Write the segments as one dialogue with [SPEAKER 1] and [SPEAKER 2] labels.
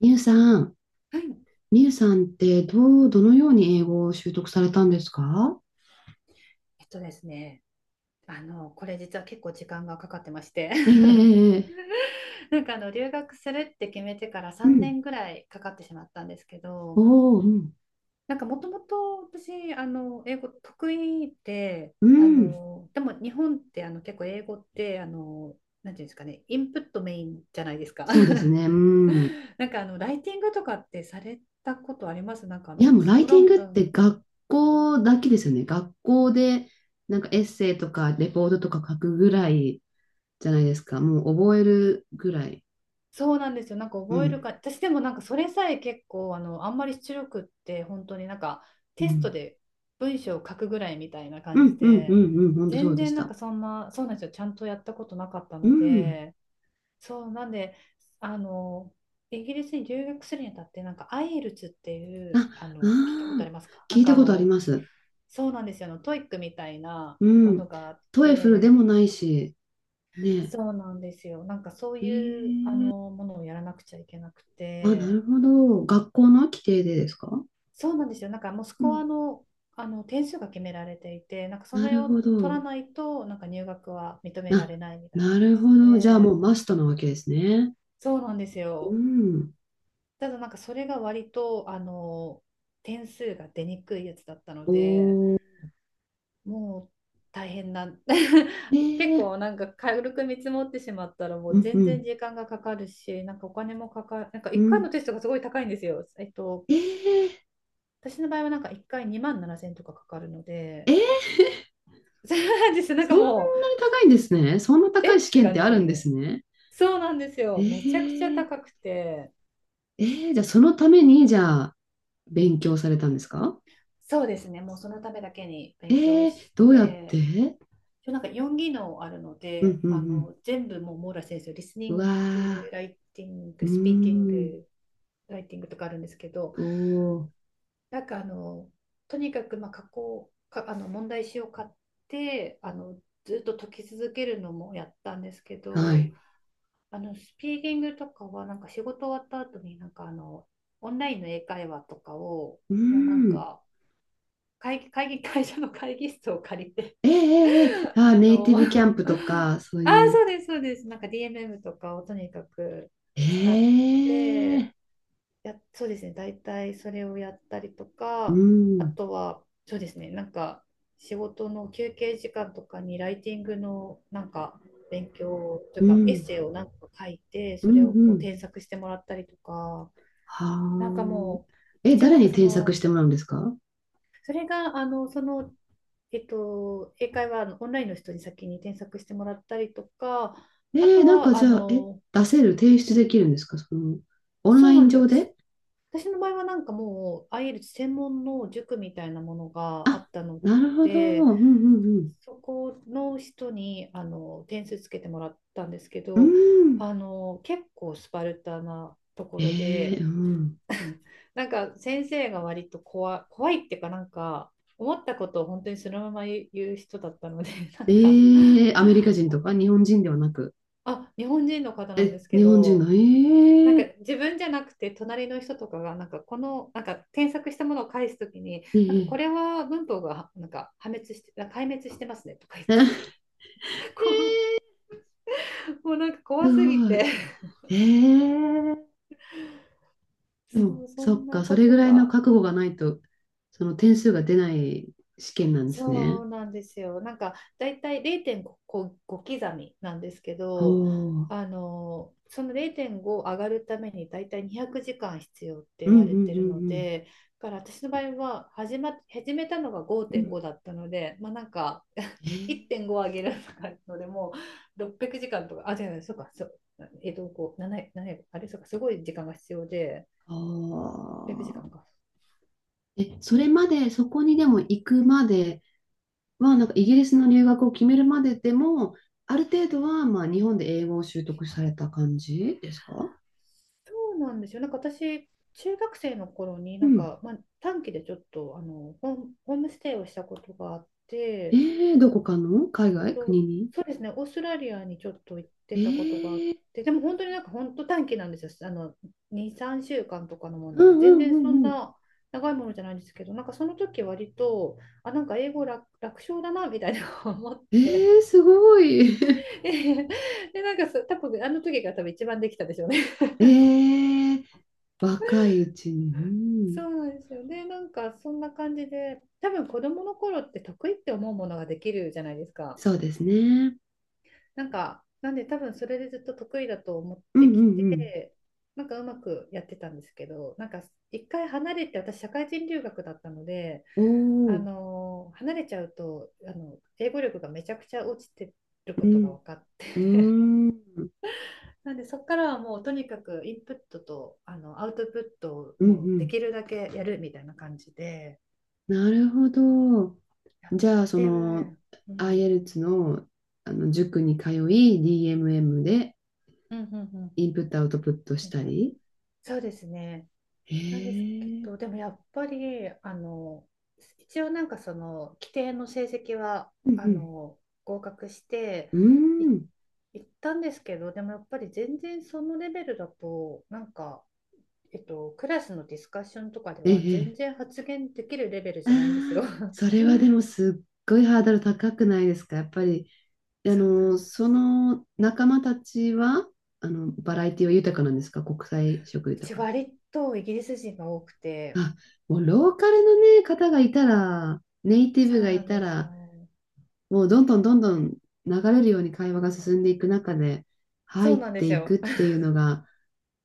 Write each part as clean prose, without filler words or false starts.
[SPEAKER 1] みゆさん、
[SPEAKER 2] はい。
[SPEAKER 1] みゆさんってどのように英語を習得されたんですか？
[SPEAKER 2] えっとですね、あの、これ実は結構時間がかかってまして
[SPEAKER 1] え え。ええ。
[SPEAKER 2] 留学するって決めてから
[SPEAKER 1] う
[SPEAKER 2] 3
[SPEAKER 1] ん。
[SPEAKER 2] 年ぐらいかかってしまったんですけど、
[SPEAKER 1] おお、うん。
[SPEAKER 2] もともと私、英語得意で、
[SPEAKER 1] うん。
[SPEAKER 2] でも日本って結構英語って、なんていうんですかね、インプットメインじゃないですか。
[SPEAKER 1] そうですね。うん。
[SPEAKER 2] ライティングとかってされたことあります？
[SPEAKER 1] いや、もうライ
[SPEAKER 2] 小
[SPEAKER 1] ティン
[SPEAKER 2] 論
[SPEAKER 1] グっ
[SPEAKER 2] 文。
[SPEAKER 1] て学校だけですよね。学校で、なんかエッセイとかレポートとか書くぐらいじゃないですか。もう覚えるぐらい。
[SPEAKER 2] そうなんですよ。なんか
[SPEAKER 1] う
[SPEAKER 2] 覚える
[SPEAKER 1] ん。
[SPEAKER 2] か、私でもなんかそれさえ結構あんまり出力って本当に
[SPEAKER 1] う
[SPEAKER 2] テスト
[SPEAKER 1] ん。
[SPEAKER 2] で文章を書くぐらいみたいな
[SPEAKER 1] う
[SPEAKER 2] 感じ
[SPEAKER 1] ん、うん、う
[SPEAKER 2] で、
[SPEAKER 1] ん、うん。本当そう
[SPEAKER 2] 全
[SPEAKER 1] でし
[SPEAKER 2] 然なん
[SPEAKER 1] た。
[SPEAKER 2] かそんな、そうなんですよ。ちゃんとやったことなかった
[SPEAKER 1] う
[SPEAKER 2] の
[SPEAKER 1] ん。
[SPEAKER 2] で、そうなんで、あの、イギリスに留学するにあたって、なんか IELTS ってい
[SPEAKER 1] あ、
[SPEAKER 2] う、あの、聞いたことあ
[SPEAKER 1] あ
[SPEAKER 2] り
[SPEAKER 1] あ、
[SPEAKER 2] ますか？
[SPEAKER 1] 聞いたことあります。
[SPEAKER 2] そうなんですよ。あの、トイックみたいな
[SPEAKER 1] う
[SPEAKER 2] もの
[SPEAKER 1] ん。
[SPEAKER 2] があっ
[SPEAKER 1] トエフルで
[SPEAKER 2] て、
[SPEAKER 1] もないし、ね。
[SPEAKER 2] そうなんですよ。なんかそういう
[SPEAKER 1] ええ。
[SPEAKER 2] あのものをやらなくちゃいけなく
[SPEAKER 1] あ、な
[SPEAKER 2] て、
[SPEAKER 1] るほど。学校の規定でですか？
[SPEAKER 2] そうなんですよ。もうス
[SPEAKER 1] う
[SPEAKER 2] コ
[SPEAKER 1] ん。
[SPEAKER 2] アの、あの点数が決められていて、なんかそ
[SPEAKER 1] な
[SPEAKER 2] れ
[SPEAKER 1] る
[SPEAKER 2] を
[SPEAKER 1] ほ
[SPEAKER 2] 取ら
[SPEAKER 1] ど。
[SPEAKER 2] ないと、なんか入学は認められ
[SPEAKER 1] あ、
[SPEAKER 2] ないみたいな
[SPEAKER 1] な
[SPEAKER 2] 感
[SPEAKER 1] る
[SPEAKER 2] じ
[SPEAKER 1] ほど。じゃあも
[SPEAKER 2] で、
[SPEAKER 1] うマストなわけですね。
[SPEAKER 2] そうなんです
[SPEAKER 1] う
[SPEAKER 2] よ。
[SPEAKER 1] ん。
[SPEAKER 2] ただなんかそれが割と、あの、点数が出にくいやつだったので、
[SPEAKER 1] おー。
[SPEAKER 2] もう大変な、
[SPEAKER 1] え
[SPEAKER 2] 結
[SPEAKER 1] え。
[SPEAKER 2] 構なんか軽く見積もってしまったら、も
[SPEAKER 1] う
[SPEAKER 2] う
[SPEAKER 1] んう
[SPEAKER 2] 全然
[SPEAKER 1] ん。
[SPEAKER 2] 時間がかかるし、なんかお金もかかる、なんか
[SPEAKER 1] う
[SPEAKER 2] 1回の
[SPEAKER 1] ん。
[SPEAKER 2] テストがすごい高いんですよ。
[SPEAKER 1] ええ。
[SPEAKER 2] 私の場合はなんか1回2万7000とかかかるので、
[SPEAKER 1] ええ。
[SPEAKER 2] そうなんですよ。なんか
[SPEAKER 1] そんなに
[SPEAKER 2] もう、
[SPEAKER 1] 高いんですね。そんな高
[SPEAKER 2] え
[SPEAKER 1] い
[SPEAKER 2] っ
[SPEAKER 1] 試
[SPEAKER 2] て
[SPEAKER 1] 験っ
[SPEAKER 2] 感
[SPEAKER 1] て
[SPEAKER 2] じで
[SPEAKER 1] あ
[SPEAKER 2] す
[SPEAKER 1] る
[SPEAKER 2] よ
[SPEAKER 1] んで
[SPEAKER 2] ね。
[SPEAKER 1] すね。
[SPEAKER 2] そうなんですよ。めちゃくちゃ
[SPEAKER 1] ええ。
[SPEAKER 2] 高くて。
[SPEAKER 1] ええ。じゃあそのために、じゃあ勉強されたんですか？
[SPEAKER 2] そうですね、もうそのためだけに勉
[SPEAKER 1] え
[SPEAKER 2] 強
[SPEAKER 1] え、
[SPEAKER 2] し
[SPEAKER 1] どうやっ
[SPEAKER 2] て、
[SPEAKER 1] て？
[SPEAKER 2] 一応なんか4技能あるの
[SPEAKER 1] うん
[SPEAKER 2] で、
[SPEAKER 1] う
[SPEAKER 2] あ
[SPEAKER 1] ん
[SPEAKER 2] の全部もう網羅先生、リスニ
[SPEAKER 1] うん。う
[SPEAKER 2] ング、
[SPEAKER 1] わ
[SPEAKER 2] ライティン
[SPEAKER 1] ー。う
[SPEAKER 2] グ、スピーキン
[SPEAKER 1] ーん。
[SPEAKER 2] グ、ライティングとかあるんですけど、
[SPEAKER 1] おー。
[SPEAKER 2] なんかあのとにかくまあ加工か問題集を買ってあのずっと解き続けるのもやったんですけ
[SPEAKER 1] は
[SPEAKER 2] ど、
[SPEAKER 1] い。
[SPEAKER 2] あの、スピーキングとかは、なんか仕事終わった後に、オンラインの英会話とかを、
[SPEAKER 1] う
[SPEAKER 2] もうなん
[SPEAKER 1] ん。
[SPEAKER 2] か、会議、会議、会社の会議室を借りて、
[SPEAKER 1] ええ。ええ。ええ。 あ、
[SPEAKER 2] あ
[SPEAKER 1] ネイテ
[SPEAKER 2] の、
[SPEAKER 1] ィ
[SPEAKER 2] あ
[SPEAKER 1] ブキャンプとか、そう
[SPEAKER 2] あ、
[SPEAKER 1] いう。
[SPEAKER 2] そうです。なんか DMM とかをとにかく使って、
[SPEAKER 1] ええ。
[SPEAKER 2] や、そうですね。大体それをやったりと
[SPEAKER 1] う
[SPEAKER 2] か、あ
[SPEAKER 1] ん、
[SPEAKER 2] とは、そうですね。なんか、仕事の休憩時間とかにライティングのなんか勉強とい
[SPEAKER 1] う
[SPEAKER 2] うか、エッ
[SPEAKER 1] ん、
[SPEAKER 2] セイをなんか書いて、
[SPEAKER 1] う
[SPEAKER 2] それ
[SPEAKER 1] ん、
[SPEAKER 2] を
[SPEAKER 1] う
[SPEAKER 2] こう
[SPEAKER 1] ん。
[SPEAKER 2] 添削してもらったりとか、
[SPEAKER 1] は
[SPEAKER 2] なんか
[SPEAKER 1] あ。
[SPEAKER 2] もう、
[SPEAKER 1] え、
[SPEAKER 2] 一応
[SPEAKER 1] 誰
[SPEAKER 2] なんか
[SPEAKER 1] に
[SPEAKER 2] そ
[SPEAKER 1] 添削し
[SPEAKER 2] の、
[SPEAKER 1] てもらうんですか？
[SPEAKER 2] それが、あの、その、えっと、英会話あのオンラインの人に先に添削してもらったりとか、
[SPEAKER 1] え
[SPEAKER 2] あ
[SPEAKER 1] ー、
[SPEAKER 2] と
[SPEAKER 1] なんか
[SPEAKER 2] は、あ
[SPEAKER 1] じゃあ、
[SPEAKER 2] の、
[SPEAKER 1] 出せる、提出できるんですか、その、オン
[SPEAKER 2] そ
[SPEAKER 1] ラ
[SPEAKER 2] う
[SPEAKER 1] イ
[SPEAKER 2] な
[SPEAKER 1] ン
[SPEAKER 2] んですよ。
[SPEAKER 1] 上で？
[SPEAKER 2] 私の場合はなんかもうあ e l t 専門の塾みたいなものがあ
[SPEAKER 1] あ、
[SPEAKER 2] ったの
[SPEAKER 1] なるほど。
[SPEAKER 2] で、
[SPEAKER 1] うん、うん、
[SPEAKER 2] そこの人にあの点数つけてもらったんですけ
[SPEAKER 1] うん。
[SPEAKER 2] ど、
[SPEAKER 1] うん。
[SPEAKER 2] あの結構スパルタなとこ
[SPEAKER 1] え
[SPEAKER 2] ろ
[SPEAKER 1] ー、
[SPEAKER 2] で、
[SPEAKER 1] うん。
[SPEAKER 2] なんか先生が割と怖いっていうかなんか思ったことを本当にそのまま言う人だったので、な
[SPEAKER 1] え
[SPEAKER 2] んか
[SPEAKER 1] ー、アメリカ人とか日本人ではなく。
[SPEAKER 2] あ、日本人の方なんで
[SPEAKER 1] え、
[SPEAKER 2] すけ
[SPEAKER 1] 日本人
[SPEAKER 2] ど、
[SPEAKER 1] の、
[SPEAKER 2] なんか
[SPEAKER 1] ええ。
[SPEAKER 2] 自分じゃなくて隣の人とかがなんかこのなんか添削したものを返すときに
[SPEAKER 1] え
[SPEAKER 2] なんかこ
[SPEAKER 1] え。
[SPEAKER 2] れは文法がなんか破滅して壊滅してますねとか言ってて
[SPEAKER 1] ええ。
[SPEAKER 2] こうもうなんか怖
[SPEAKER 1] す
[SPEAKER 2] すぎ
[SPEAKER 1] ご
[SPEAKER 2] て。
[SPEAKER 1] い。ええ。で
[SPEAKER 2] そ
[SPEAKER 1] も、
[SPEAKER 2] うそ
[SPEAKER 1] そ
[SPEAKER 2] ん
[SPEAKER 1] っ
[SPEAKER 2] な
[SPEAKER 1] か、そ
[SPEAKER 2] こ
[SPEAKER 1] れぐ
[SPEAKER 2] と
[SPEAKER 1] らいの
[SPEAKER 2] が。
[SPEAKER 1] 覚悟がないと、その点数が出ない試験なんです
[SPEAKER 2] そ
[SPEAKER 1] ね。
[SPEAKER 2] うなんですよ。なんかだいたい0.5刻みなんですけ
[SPEAKER 1] お
[SPEAKER 2] ど、
[SPEAKER 1] お。うん
[SPEAKER 2] あのその0.5上がるためにだいたい200時間必要って
[SPEAKER 1] う
[SPEAKER 2] 言
[SPEAKER 1] ん
[SPEAKER 2] われてるの
[SPEAKER 1] うん
[SPEAKER 2] で、だから私の場合は始めたのが
[SPEAKER 1] うん。う
[SPEAKER 2] 5.5
[SPEAKER 1] ん。
[SPEAKER 2] だったので、まあなんか
[SPEAKER 1] え ー。
[SPEAKER 2] 1.5上げるとかので600時間とか、あ、違う違う、そうか、そう、えっと、こう、7、あれ、そうか、すごい時間が必要で、
[SPEAKER 1] あ
[SPEAKER 2] 600時間かんか。
[SPEAKER 1] ー。え、それまで、そこにでも行くまでは、なんかイギリスの留学を決めるまででも、ある程度は、まあ、日本で英語を習得された感じですか？
[SPEAKER 2] そうなんですよ。なんか私、中学生の頃に、
[SPEAKER 1] う
[SPEAKER 2] なん
[SPEAKER 1] ん。
[SPEAKER 2] か、まあ、短期でちょっとあのホームステイをしたことがあっ
[SPEAKER 1] え
[SPEAKER 2] て、
[SPEAKER 1] ー、どこかの海
[SPEAKER 2] えっ
[SPEAKER 1] 外国
[SPEAKER 2] と、
[SPEAKER 1] に？
[SPEAKER 2] そうですね、オーストラリアにちょっと行っ
[SPEAKER 1] え
[SPEAKER 2] てたことがあ
[SPEAKER 1] ー。
[SPEAKER 2] って、でも本当になんか本当短期なんですよ。あの、2、3週間とかのものな
[SPEAKER 1] う
[SPEAKER 2] んで、
[SPEAKER 1] んう
[SPEAKER 2] 全
[SPEAKER 1] んう
[SPEAKER 2] 然そん
[SPEAKER 1] んうん。
[SPEAKER 2] な長いものじゃないんですけど、なんかその時割と、あ、なんか英語楽勝だなみたいな思っ
[SPEAKER 1] え
[SPEAKER 2] て、
[SPEAKER 1] ー、すごい。
[SPEAKER 2] で、なんかそう多分あの時が多分一番できたでしょうね。
[SPEAKER 1] えー、若いうちに。うん、
[SPEAKER 2] そうなんですよね。なんかそんな感じで、多分子供の頃って得意って思うものができるじゃないですか。
[SPEAKER 1] そうですね。
[SPEAKER 2] なんか、なんで多分それでずっと得意だと思っ
[SPEAKER 1] うんう
[SPEAKER 2] て
[SPEAKER 1] ん
[SPEAKER 2] き
[SPEAKER 1] うん。
[SPEAKER 2] て、なんかうまくやってたんですけど、なんか一回離れて、私社会人留学だったので、
[SPEAKER 1] お
[SPEAKER 2] あ
[SPEAKER 1] ー、
[SPEAKER 2] のー離れちゃうと、あの、英語力がめちゃくちゃ落ちてる
[SPEAKER 1] う
[SPEAKER 2] ことが
[SPEAKER 1] ん、
[SPEAKER 2] 分かっ
[SPEAKER 1] うー
[SPEAKER 2] て
[SPEAKER 1] ん、うん
[SPEAKER 2] なんでそこからはもうとにかくインプットとあのアウトプットを
[SPEAKER 1] う
[SPEAKER 2] もうで
[SPEAKER 1] ん。
[SPEAKER 2] きるだけやるみたいな感じで。
[SPEAKER 1] なるほど。
[SPEAKER 2] やっ
[SPEAKER 1] じゃあ、そ
[SPEAKER 2] て
[SPEAKER 1] の、
[SPEAKER 2] る。うん。
[SPEAKER 1] IELTS の、あの塾に通い、DMM で
[SPEAKER 2] うんうんうん。
[SPEAKER 1] インプットアウトプットし
[SPEAKER 2] えっ
[SPEAKER 1] た
[SPEAKER 2] と、
[SPEAKER 1] り。
[SPEAKER 2] そうですね。
[SPEAKER 1] え
[SPEAKER 2] なんですけ
[SPEAKER 1] ー、
[SPEAKER 2] ど、でもやっぱり、あの、一応なんかその、規定の成績は、
[SPEAKER 1] う
[SPEAKER 2] あ
[SPEAKER 1] ん
[SPEAKER 2] の、合格して、
[SPEAKER 1] うん。
[SPEAKER 2] い、
[SPEAKER 1] うーん。
[SPEAKER 2] 行ったんですけど、でもやっぱり全然そのレベルだと、なんか、えっと、クラスのディスカッションとかでは
[SPEAKER 1] ええ。
[SPEAKER 2] 全然発言できるレベル
[SPEAKER 1] あ
[SPEAKER 2] じゃないんですよ。
[SPEAKER 1] あ、それはでもすっごいハードル高くないですか？やっぱり、あ
[SPEAKER 2] そうなん
[SPEAKER 1] の、
[SPEAKER 2] で
[SPEAKER 1] そ
[SPEAKER 2] すよ。
[SPEAKER 1] の仲間たちは、あの、バラエティは豊かなんですか？国際色
[SPEAKER 2] う
[SPEAKER 1] 豊
[SPEAKER 2] ち
[SPEAKER 1] か。
[SPEAKER 2] 割とイギリス人が多くて、
[SPEAKER 1] あ、もうローカルのね、方がいたら、ネイティ
[SPEAKER 2] そ
[SPEAKER 1] ブ
[SPEAKER 2] う
[SPEAKER 1] が
[SPEAKER 2] な
[SPEAKER 1] い
[SPEAKER 2] ん
[SPEAKER 1] た
[SPEAKER 2] ですよ。
[SPEAKER 1] ら、もうどんどんどんどん流れるように会話が進んでいく中で
[SPEAKER 2] そ
[SPEAKER 1] 入っ
[SPEAKER 2] うなんで
[SPEAKER 1] て
[SPEAKER 2] す
[SPEAKER 1] いく
[SPEAKER 2] よ。
[SPEAKER 1] っていうのが、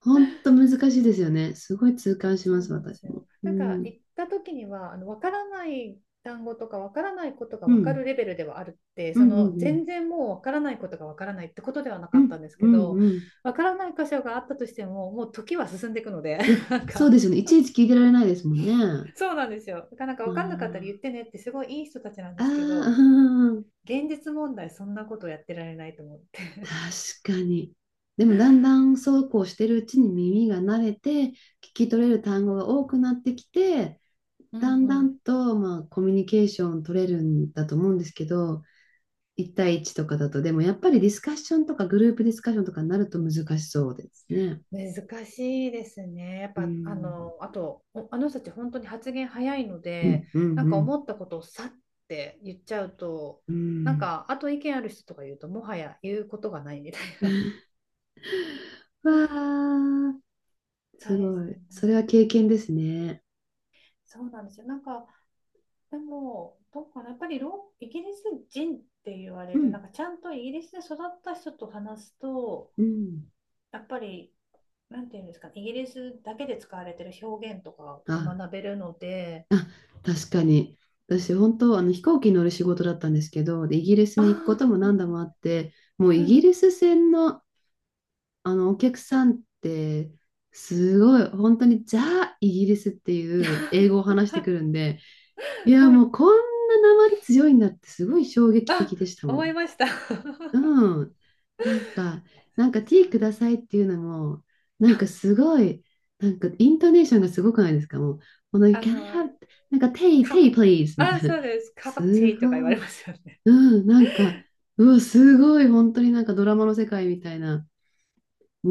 [SPEAKER 1] 本当難しいですよね。すごい痛感しま
[SPEAKER 2] そう
[SPEAKER 1] す、
[SPEAKER 2] なんで
[SPEAKER 1] 私
[SPEAKER 2] す
[SPEAKER 1] も。
[SPEAKER 2] よ。
[SPEAKER 1] う
[SPEAKER 2] なんか
[SPEAKER 1] ん。
[SPEAKER 2] 行った時にはあの分からない単語とか分からないことが
[SPEAKER 1] う
[SPEAKER 2] 分かる
[SPEAKER 1] ん。
[SPEAKER 2] レベルではあるって、
[SPEAKER 1] う
[SPEAKER 2] そ
[SPEAKER 1] んうん
[SPEAKER 2] の
[SPEAKER 1] う
[SPEAKER 2] 全
[SPEAKER 1] ん。
[SPEAKER 2] 然もう分からないことが分からないってことではな
[SPEAKER 1] う
[SPEAKER 2] かっ
[SPEAKER 1] ん
[SPEAKER 2] たんです
[SPEAKER 1] う
[SPEAKER 2] け
[SPEAKER 1] ん
[SPEAKER 2] ど、
[SPEAKER 1] うん。
[SPEAKER 2] 分からない箇所があったとしてももう時は進んでいくので、
[SPEAKER 1] いや、
[SPEAKER 2] なん
[SPEAKER 1] そう
[SPEAKER 2] か
[SPEAKER 1] ですよね。いちいち聞いてられないですもんね。
[SPEAKER 2] そうなんですよ。だからなんか
[SPEAKER 1] う
[SPEAKER 2] 分かんなかったら言
[SPEAKER 1] ん。
[SPEAKER 2] ってねってすごいいい人たちなん
[SPEAKER 1] あ
[SPEAKER 2] で
[SPEAKER 1] あ、
[SPEAKER 2] すけど、
[SPEAKER 1] うん、
[SPEAKER 2] 現実問題そんなことやってられないと思って。
[SPEAKER 1] 確かに。でもだんだんそうこうしてるうちに耳が慣れて、聞き取れる単語が多くなってきて、
[SPEAKER 2] うん
[SPEAKER 1] だん
[SPEAKER 2] う
[SPEAKER 1] だ
[SPEAKER 2] ん。
[SPEAKER 1] んと、まあ、コミュニケーション取れるんだと思うんですけど、一対一とかだと、でもやっぱりディスカッションとかグループディスカッションとかになると難しそうですね。
[SPEAKER 2] 難しいですね。やっ
[SPEAKER 1] う
[SPEAKER 2] ぱ、あ
[SPEAKER 1] ん、
[SPEAKER 2] の、あと、お、あの人たち本当に発言早いの
[SPEAKER 1] う
[SPEAKER 2] で、
[SPEAKER 1] ん、うん、う
[SPEAKER 2] なんか
[SPEAKER 1] ん。
[SPEAKER 2] 思ったことをさって言っちゃうと、
[SPEAKER 1] う
[SPEAKER 2] なん
[SPEAKER 1] ん。
[SPEAKER 2] か、あと意見ある人とか言うと、もはや言うことがないみたいな。
[SPEAKER 1] わあ、
[SPEAKER 2] そ
[SPEAKER 1] す
[SPEAKER 2] うです
[SPEAKER 1] ご
[SPEAKER 2] よ
[SPEAKER 1] い。
[SPEAKER 2] ね。
[SPEAKER 1] それは経験ですね。
[SPEAKER 2] そうなんですよ。なんか、でも、どうかな、やっぱりロ、イギリス人って言わ
[SPEAKER 1] う
[SPEAKER 2] れる、
[SPEAKER 1] ん。
[SPEAKER 2] なんかちゃんとイギリスで育った人と話すと、
[SPEAKER 1] うん。
[SPEAKER 2] やっぱり、なんていうんですかね、イギリスだけで使われてる表現とかが
[SPEAKER 1] あ、
[SPEAKER 2] 学べるので、
[SPEAKER 1] あ、確かに。私、本当、あの飛行機乗る仕事だったんですけど、で、イギリス
[SPEAKER 2] あ
[SPEAKER 1] に行くこと
[SPEAKER 2] あ、
[SPEAKER 1] も
[SPEAKER 2] うんう
[SPEAKER 1] 何度
[SPEAKER 2] ん
[SPEAKER 1] もあって、もう
[SPEAKER 2] う
[SPEAKER 1] イギ
[SPEAKER 2] ん。
[SPEAKER 1] リス船の、あのお客さんって、すごい、本当にザ・イギリスっていう英語を 話し
[SPEAKER 2] は
[SPEAKER 1] てく
[SPEAKER 2] い。
[SPEAKER 1] るんで、い
[SPEAKER 2] う
[SPEAKER 1] や、も
[SPEAKER 2] ん。
[SPEAKER 1] うこんな訛り強いんだって、すごい衝撃
[SPEAKER 2] あ、
[SPEAKER 1] 的でしたも
[SPEAKER 2] 思い
[SPEAKER 1] ん。
[SPEAKER 2] ました。そう、
[SPEAKER 1] うん。なんか、なんかティーくださいっていうのも、なんかすごい、なんかイントネーションがすごくないですか？もう、この、like,
[SPEAKER 2] あ
[SPEAKER 1] Can I
[SPEAKER 2] の、
[SPEAKER 1] have, なんか tea,
[SPEAKER 2] カパ、
[SPEAKER 1] tea please みた
[SPEAKER 2] あ、
[SPEAKER 1] いな。
[SPEAKER 2] そうです。カパチェ
[SPEAKER 1] す
[SPEAKER 2] イとか言わ
[SPEAKER 1] ごい。
[SPEAKER 2] れますよね。
[SPEAKER 1] う ん、なんか、うわ、すごい、本当になんかドラマの世界みたいな。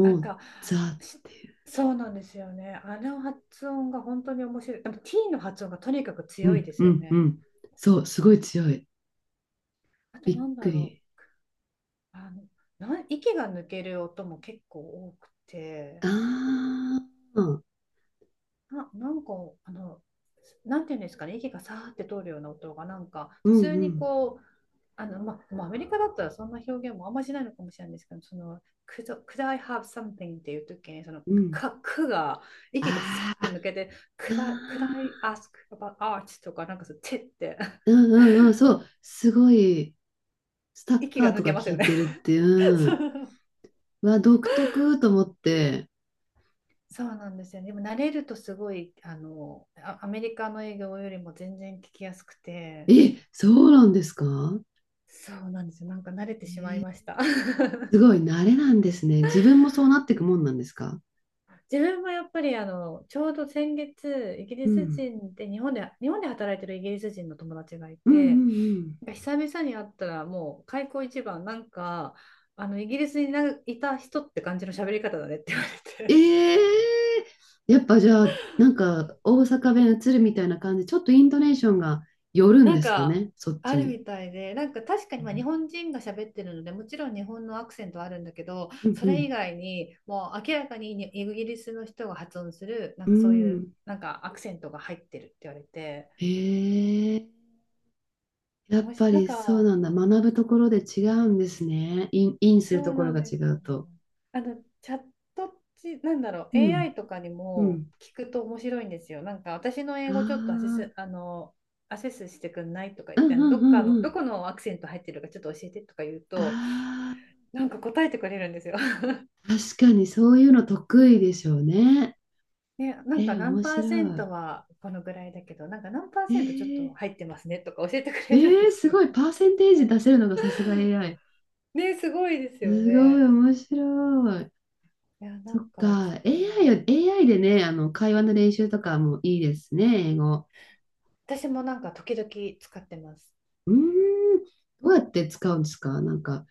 [SPEAKER 2] なん
[SPEAKER 1] う、
[SPEAKER 2] か、
[SPEAKER 1] ザっ
[SPEAKER 2] し、
[SPEAKER 1] ていう。
[SPEAKER 2] そうなんですよね。あの発音が本当に面白い。でも T の発音がとにかく
[SPEAKER 1] う
[SPEAKER 2] 強い
[SPEAKER 1] ん、
[SPEAKER 2] で
[SPEAKER 1] う
[SPEAKER 2] すよ
[SPEAKER 1] ん、う
[SPEAKER 2] ね。
[SPEAKER 1] ん。そう、すごい強い。
[SPEAKER 2] あと
[SPEAKER 1] びっ
[SPEAKER 2] なんだ
[SPEAKER 1] く
[SPEAKER 2] ろ
[SPEAKER 1] り。
[SPEAKER 2] う。あの、な、息が抜ける音も結構多くて。
[SPEAKER 1] ああ、
[SPEAKER 2] な、なんか、あの、なんていうんですかね、息がさーって通るような音が、
[SPEAKER 1] う
[SPEAKER 2] 普
[SPEAKER 1] ん
[SPEAKER 2] 通
[SPEAKER 1] う
[SPEAKER 2] に
[SPEAKER 1] ん
[SPEAKER 2] こう、まあアメリカだったらそんな表現もあんましないのかもしれないんですけど、その、could I have something っていう時に、その、
[SPEAKER 1] うん。
[SPEAKER 2] か、くが、息がさ
[SPEAKER 1] あ
[SPEAKER 2] ーって
[SPEAKER 1] あ、
[SPEAKER 2] 抜けて、could I ask about art とか、なんかそう、てって、
[SPEAKER 1] うんうんうん、そう、すごい。スタ ッ
[SPEAKER 2] 息
[SPEAKER 1] カ
[SPEAKER 2] が
[SPEAKER 1] ー
[SPEAKER 2] 抜
[SPEAKER 1] とか
[SPEAKER 2] けます
[SPEAKER 1] 聞
[SPEAKER 2] よ
[SPEAKER 1] い
[SPEAKER 2] ね。
[SPEAKER 1] てるってい
[SPEAKER 2] そ
[SPEAKER 1] う、
[SPEAKER 2] う
[SPEAKER 1] は独特と思って、
[SPEAKER 2] そうなんですよね。でも慣れるとすごい、アメリカの英語よりも全然聞きやすくて、
[SPEAKER 1] え、そうなんですか？
[SPEAKER 2] そうなんですよ。なんか慣れてしまいました。
[SPEAKER 1] すごい慣れなんですね。自分もそうなっていくもんなんですか？
[SPEAKER 2] 自分もやっぱりあのちょうど先月イギ
[SPEAKER 1] う
[SPEAKER 2] リス
[SPEAKER 1] ん。
[SPEAKER 2] 人で日本で働いてるイギリス人の友達がい
[SPEAKER 1] うんうん
[SPEAKER 2] て、
[SPEAKER 1] うん。
[SPEAKER 2] なんか久々に会ったらもう開口一番、なんかあのイギリスにないた人って感じの喋り方だねって言われて
[SPEAKER 1] ええ。やっぱじゃあ、なんか大阪弁移るみたいな感じ、ちょっとイントネーションが寄 るん
[SPEAKER 2] なん
[SPEAKER 1] ですか
[SPEAKER 2] か
[SPEAKER 1] ね、そっ
[SPEAKER 2] あ
[SPEAKER 1] ち
[SPEAKER 2] る
[SPEAKER 1] に。
[SPEAKER 2] みたいで、なんか確かにまあ日
[SPEAKER 1] う
[SPEAKER 2] 本人が喋ってるのでもちろん日本のアクセントはあるんだけど、
[SPEAKER 1] ん
[SPEAKER 2] そ
[SPEAKER 1] う
[SPEAKER 2] れ
[SPEAKER 1] ん。
[SPEAKER 2] 以外にもう明らかにイギリスの人が発音する、なん
[SPEAKER 1] う
[SPEAKER 2] かそういう
[SPEAKER 1] ん。
[SPEAKER 2] なんかアクセントが入ってるって言われて。
[SPEAKER 1] へえ。やっ
[SPEAKER 2] 面
[SPEAKER 1] ぱ
[SPEAKER 2] 白い。なん
[SPEAKER 1] りそう
[SPEAKER 2] か
[SPEAKER 1] なんだ。学ぶところで違うんですね。イン、インする
[SPEAKER 2] そ
[SPEAKER 1] と
[SPEAKER 2] う
[SPEAKER 1] こ
[SPEAKER 2] な
[SPEAKER 1] ろ
[SPEAKER 2] ん
[SPEAKER 1] が
[SPEAKER 2] で
[SPEAKER 1] 違
[SPEAKER 2] すよ
[SPEAKER 1] う
[SPEAKER 2] ね。
[SPEAKER 1] と。
[SPEAKER 2] あの、チャットチ、なんだろ
[SPEAKER 1] う
[SPEAKER 2] う、
[SPEAKER 1] ん。
[SPEAKER 2] AI とかに
[SPEAKER 1] う
[SPEAKER 2] も
[SPEAKER 1] ん。
[SPEAKER 2] 聞くと面白いんですよ。なんか、私の
[SPEAKER 1] あ
[SPEAKER 2] 英語ちょっとアセ
[SPEAKER 1] あ、
[SPEAKER 2] ス、あの、アセスしてくんないとか
[SPEAKER 1] う
[SPEAKER 2] 言
[SPEAKER 1] ん
[SPEAKER 2] っ
[SPEAKER 1] う
[SPEAKER 2] て、
[SPEAKER 1] んうんう
[SPEAKER 2] ど
[SPEAKER 1] ん。
[SPEAKER 2] このアクセント入ってるかちょっと教えてとか言うと、
[SPEAKER 1] あ
[SPEAKER 2] なんか答えてくれるんですよ。
[SPEAKER 1] あ、確かにそういうの得意でしょうね。
[SPEAKER 2] ね、なんか
[SPEAKER 1] えー、
[SPEAKER 2] 何
[SPEAKER 1] 面
[SPEAKER 2] パーセン
[SPEAKER 1] 白い。
[SPEAKER 2] トはこのぐらいだけど、なんか何パーセントちょっと
[SPEAKER 1] え
[SPEAKER 2] 入ってますねとか教えてく
[SPEAKER 1] ー、
[SPEAKER 2] れるん
[SPEAKER 1] え
[SPEAKER 2] で
[SPEAKER 1] ー、
[SPEAKER 2] す
[SPEAKER 1] す
[SPEAKER 2] よ。
[SPEAKER 1] ごい、パーセンテージ出せるのがさすが AI。
[SPEAKER 2] ね、すごいですよ
[SPEAKER 1] すごい、
[SPEAKER 2] ね。
[SPEAKER 1] 面白い。
[SPEAKER 2] いや、な
[SPEAKER 1] そ
[SPEAKER 2] ん
[SPEAKER 1] っ
[SPEAKER 2] かちょっ
[SPEAKER 1] か、
[SPEAKER 2] と、
[SPEAKER 1] AI を、AI でね、あの、会話の練習とかもいいですね、英語。
[SPEAKER 2] 私もなんか時々使ってます。
[SPEAKER 1] うーん、どうやって使うんですか？なんか、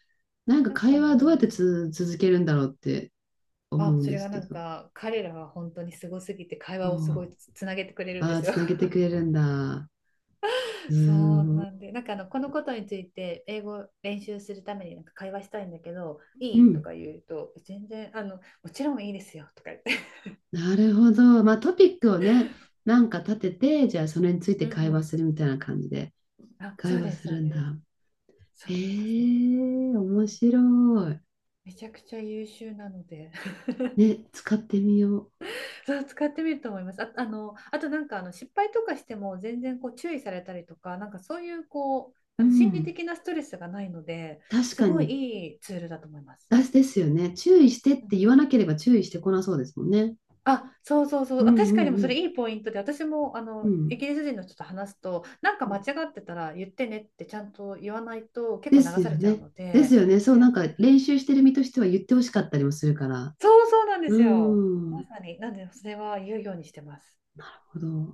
[SPEAKER 1] なんか
[SPEAKER 2] なんか
[SPEAKER 1] 会
[SPEAKER 2] あ
[SPEAKER 1] 話どうやって
[SPEAKER 2] の
[SPEAKER 1] つ、続けるんだろうって
[SPEAKER 2] あ、
[SPEAKER 1] 思うん
[SPEAKER 2] そ
[SPEAKER 1] で
[SPEAKER 2] れ
[SPEAKER 1] す
[SPEAKER 2] が
[SPEAKER 1] け
[SPEAKER 2] なん
[SPEAKER 1] ど。
[SPEAKER 2] か彼らは本当にすごすぎて会話をすご
[SPEAKER 1] あ
[SPEAKER 2] いつなげてくれるんで
[SPEAKER 1] あ、あー、
[SPEAKER 2] すよ。
[SPEAKER 1] つなげてくれ るんだ。う
[SPEAKER 2] そう
[SPEAKER 1] ー
[SPEAKER 2] なん
[SPEAKER 1] ん。
[SPEAKER 2] で、なんかあのこのことについて英語練習するためになんか会話したいんだけど、
[SPEAKER 1] う
[SPEAKER 2] いいと
[SPEAKER 1] ん、
[SPEAKER 2] か言うと、全然あのもちろんいいですよとか言って。
[SPEAKER 1] なるほど。まあトピックをね、なんか立てて、じゃあそれについ て
[SPEAKER 2] うん
[SPEAKER 1] 会
[SPEAKER 2] う
[SPEAKER 1] 話
[SPEAKER 2] ん。
[SPEAKER 1] するみたいな感じで
[SPEAKER 2] あ、そ
[SPEAKER 1] 会
[SPEAKER 2] う
[SPEAKER 1] 話
[SPEAKER 2] です、
[SPEAKER 1] す
[SPEAKER 2] そう
[SPEAKER 1] るんだ。
[SPEAKER 2] です。そ
[SPEAKER 1] え
[SPEAKER 2] うなんですね。
[SPEAKER 1] ー、面白い。
[SPEAKER 2] めちゃくちゃ優秀なので。
[SPEAKER 1] ね、使ってみよ
[SPEAKER 2] そう使ってみると思います。あ、あの、あとなんかあの失敗とかしても全然こう注意されたりとか、なんかそういうこう、
[SPEAKER 1] う。
[SPEAKER 2] あ
[SPEAKER 1] う
[SPEAKER 2] の心理
[SPEAKER 1] ん。
[SPEAKER 2] 的なストレスがないので、
[SPEAKER 1] 確
[SPEAKER 2] す
[SPEAKER 1] か
[SPEAKER 2] ごい
[SPEAKER 1] に。
[SPEAKER 2] いいツールだと思います。
[SPEAKER 1] あ、ですよね。注意してっ
[SPEAKER 2] う
[SPEAKER 1] て
[SPEAKER 2] ん、
[SPEAKER 1] 言わなければ注意してこなそうですもんね。
[SPEAKER 2] あ、そうそうそ
[SPEAKER 1] う
[SPEAKER 2] う。あ
[SPEAKER 1] ん
[SPEAKER 2] 確かにでも
[SPEAKER 1] う
[SPEAKER 2] そ
[SPEAKER 1] ん
[SPEAKER 2] れいいポイントで、私もあ
[SPEAKER 1] うん。
[SPEAKER 2] の
[SPEAKER 1] う
[SPEAKER 2] イ
[SPEAKER 1] ん。
[SPEAKER 2] ギリス人の人と話すと、なんか間違ってたら言ってねってちゃんと言わないと結
[SPEAKER 1] で
[SPEAKER 2] 構
[SPEAKER 1] す
[SPEAKER 2] 流さ
[SPEAKER 1] よ
[SPEAKER 2] れちゃう
[SPEAKER 1] ね。
[SPEAKER 2] の
[SPEAKER 1] です
[SPEAKER 2] で、
[SPEAKER 1] よね。
[SPEAKER 2] そ
[SPEAKER 1] そう、な
[SPEAKER 2] れ、
[SPEAKER 1] んか練習してる身としては言ってほしかったりもするから。
[SPEAKER 2] そうそうなんで
[SPEAKER 1] う
[SPEAKER 2] すよ。
[SPEAKER 1] ん。な
[SPEAKER 2] ま
[SPEAKER 1] る
[SPEAKER 2] さに。なんで、それは言うようにしてます。
[SPEAKER 1] ほど。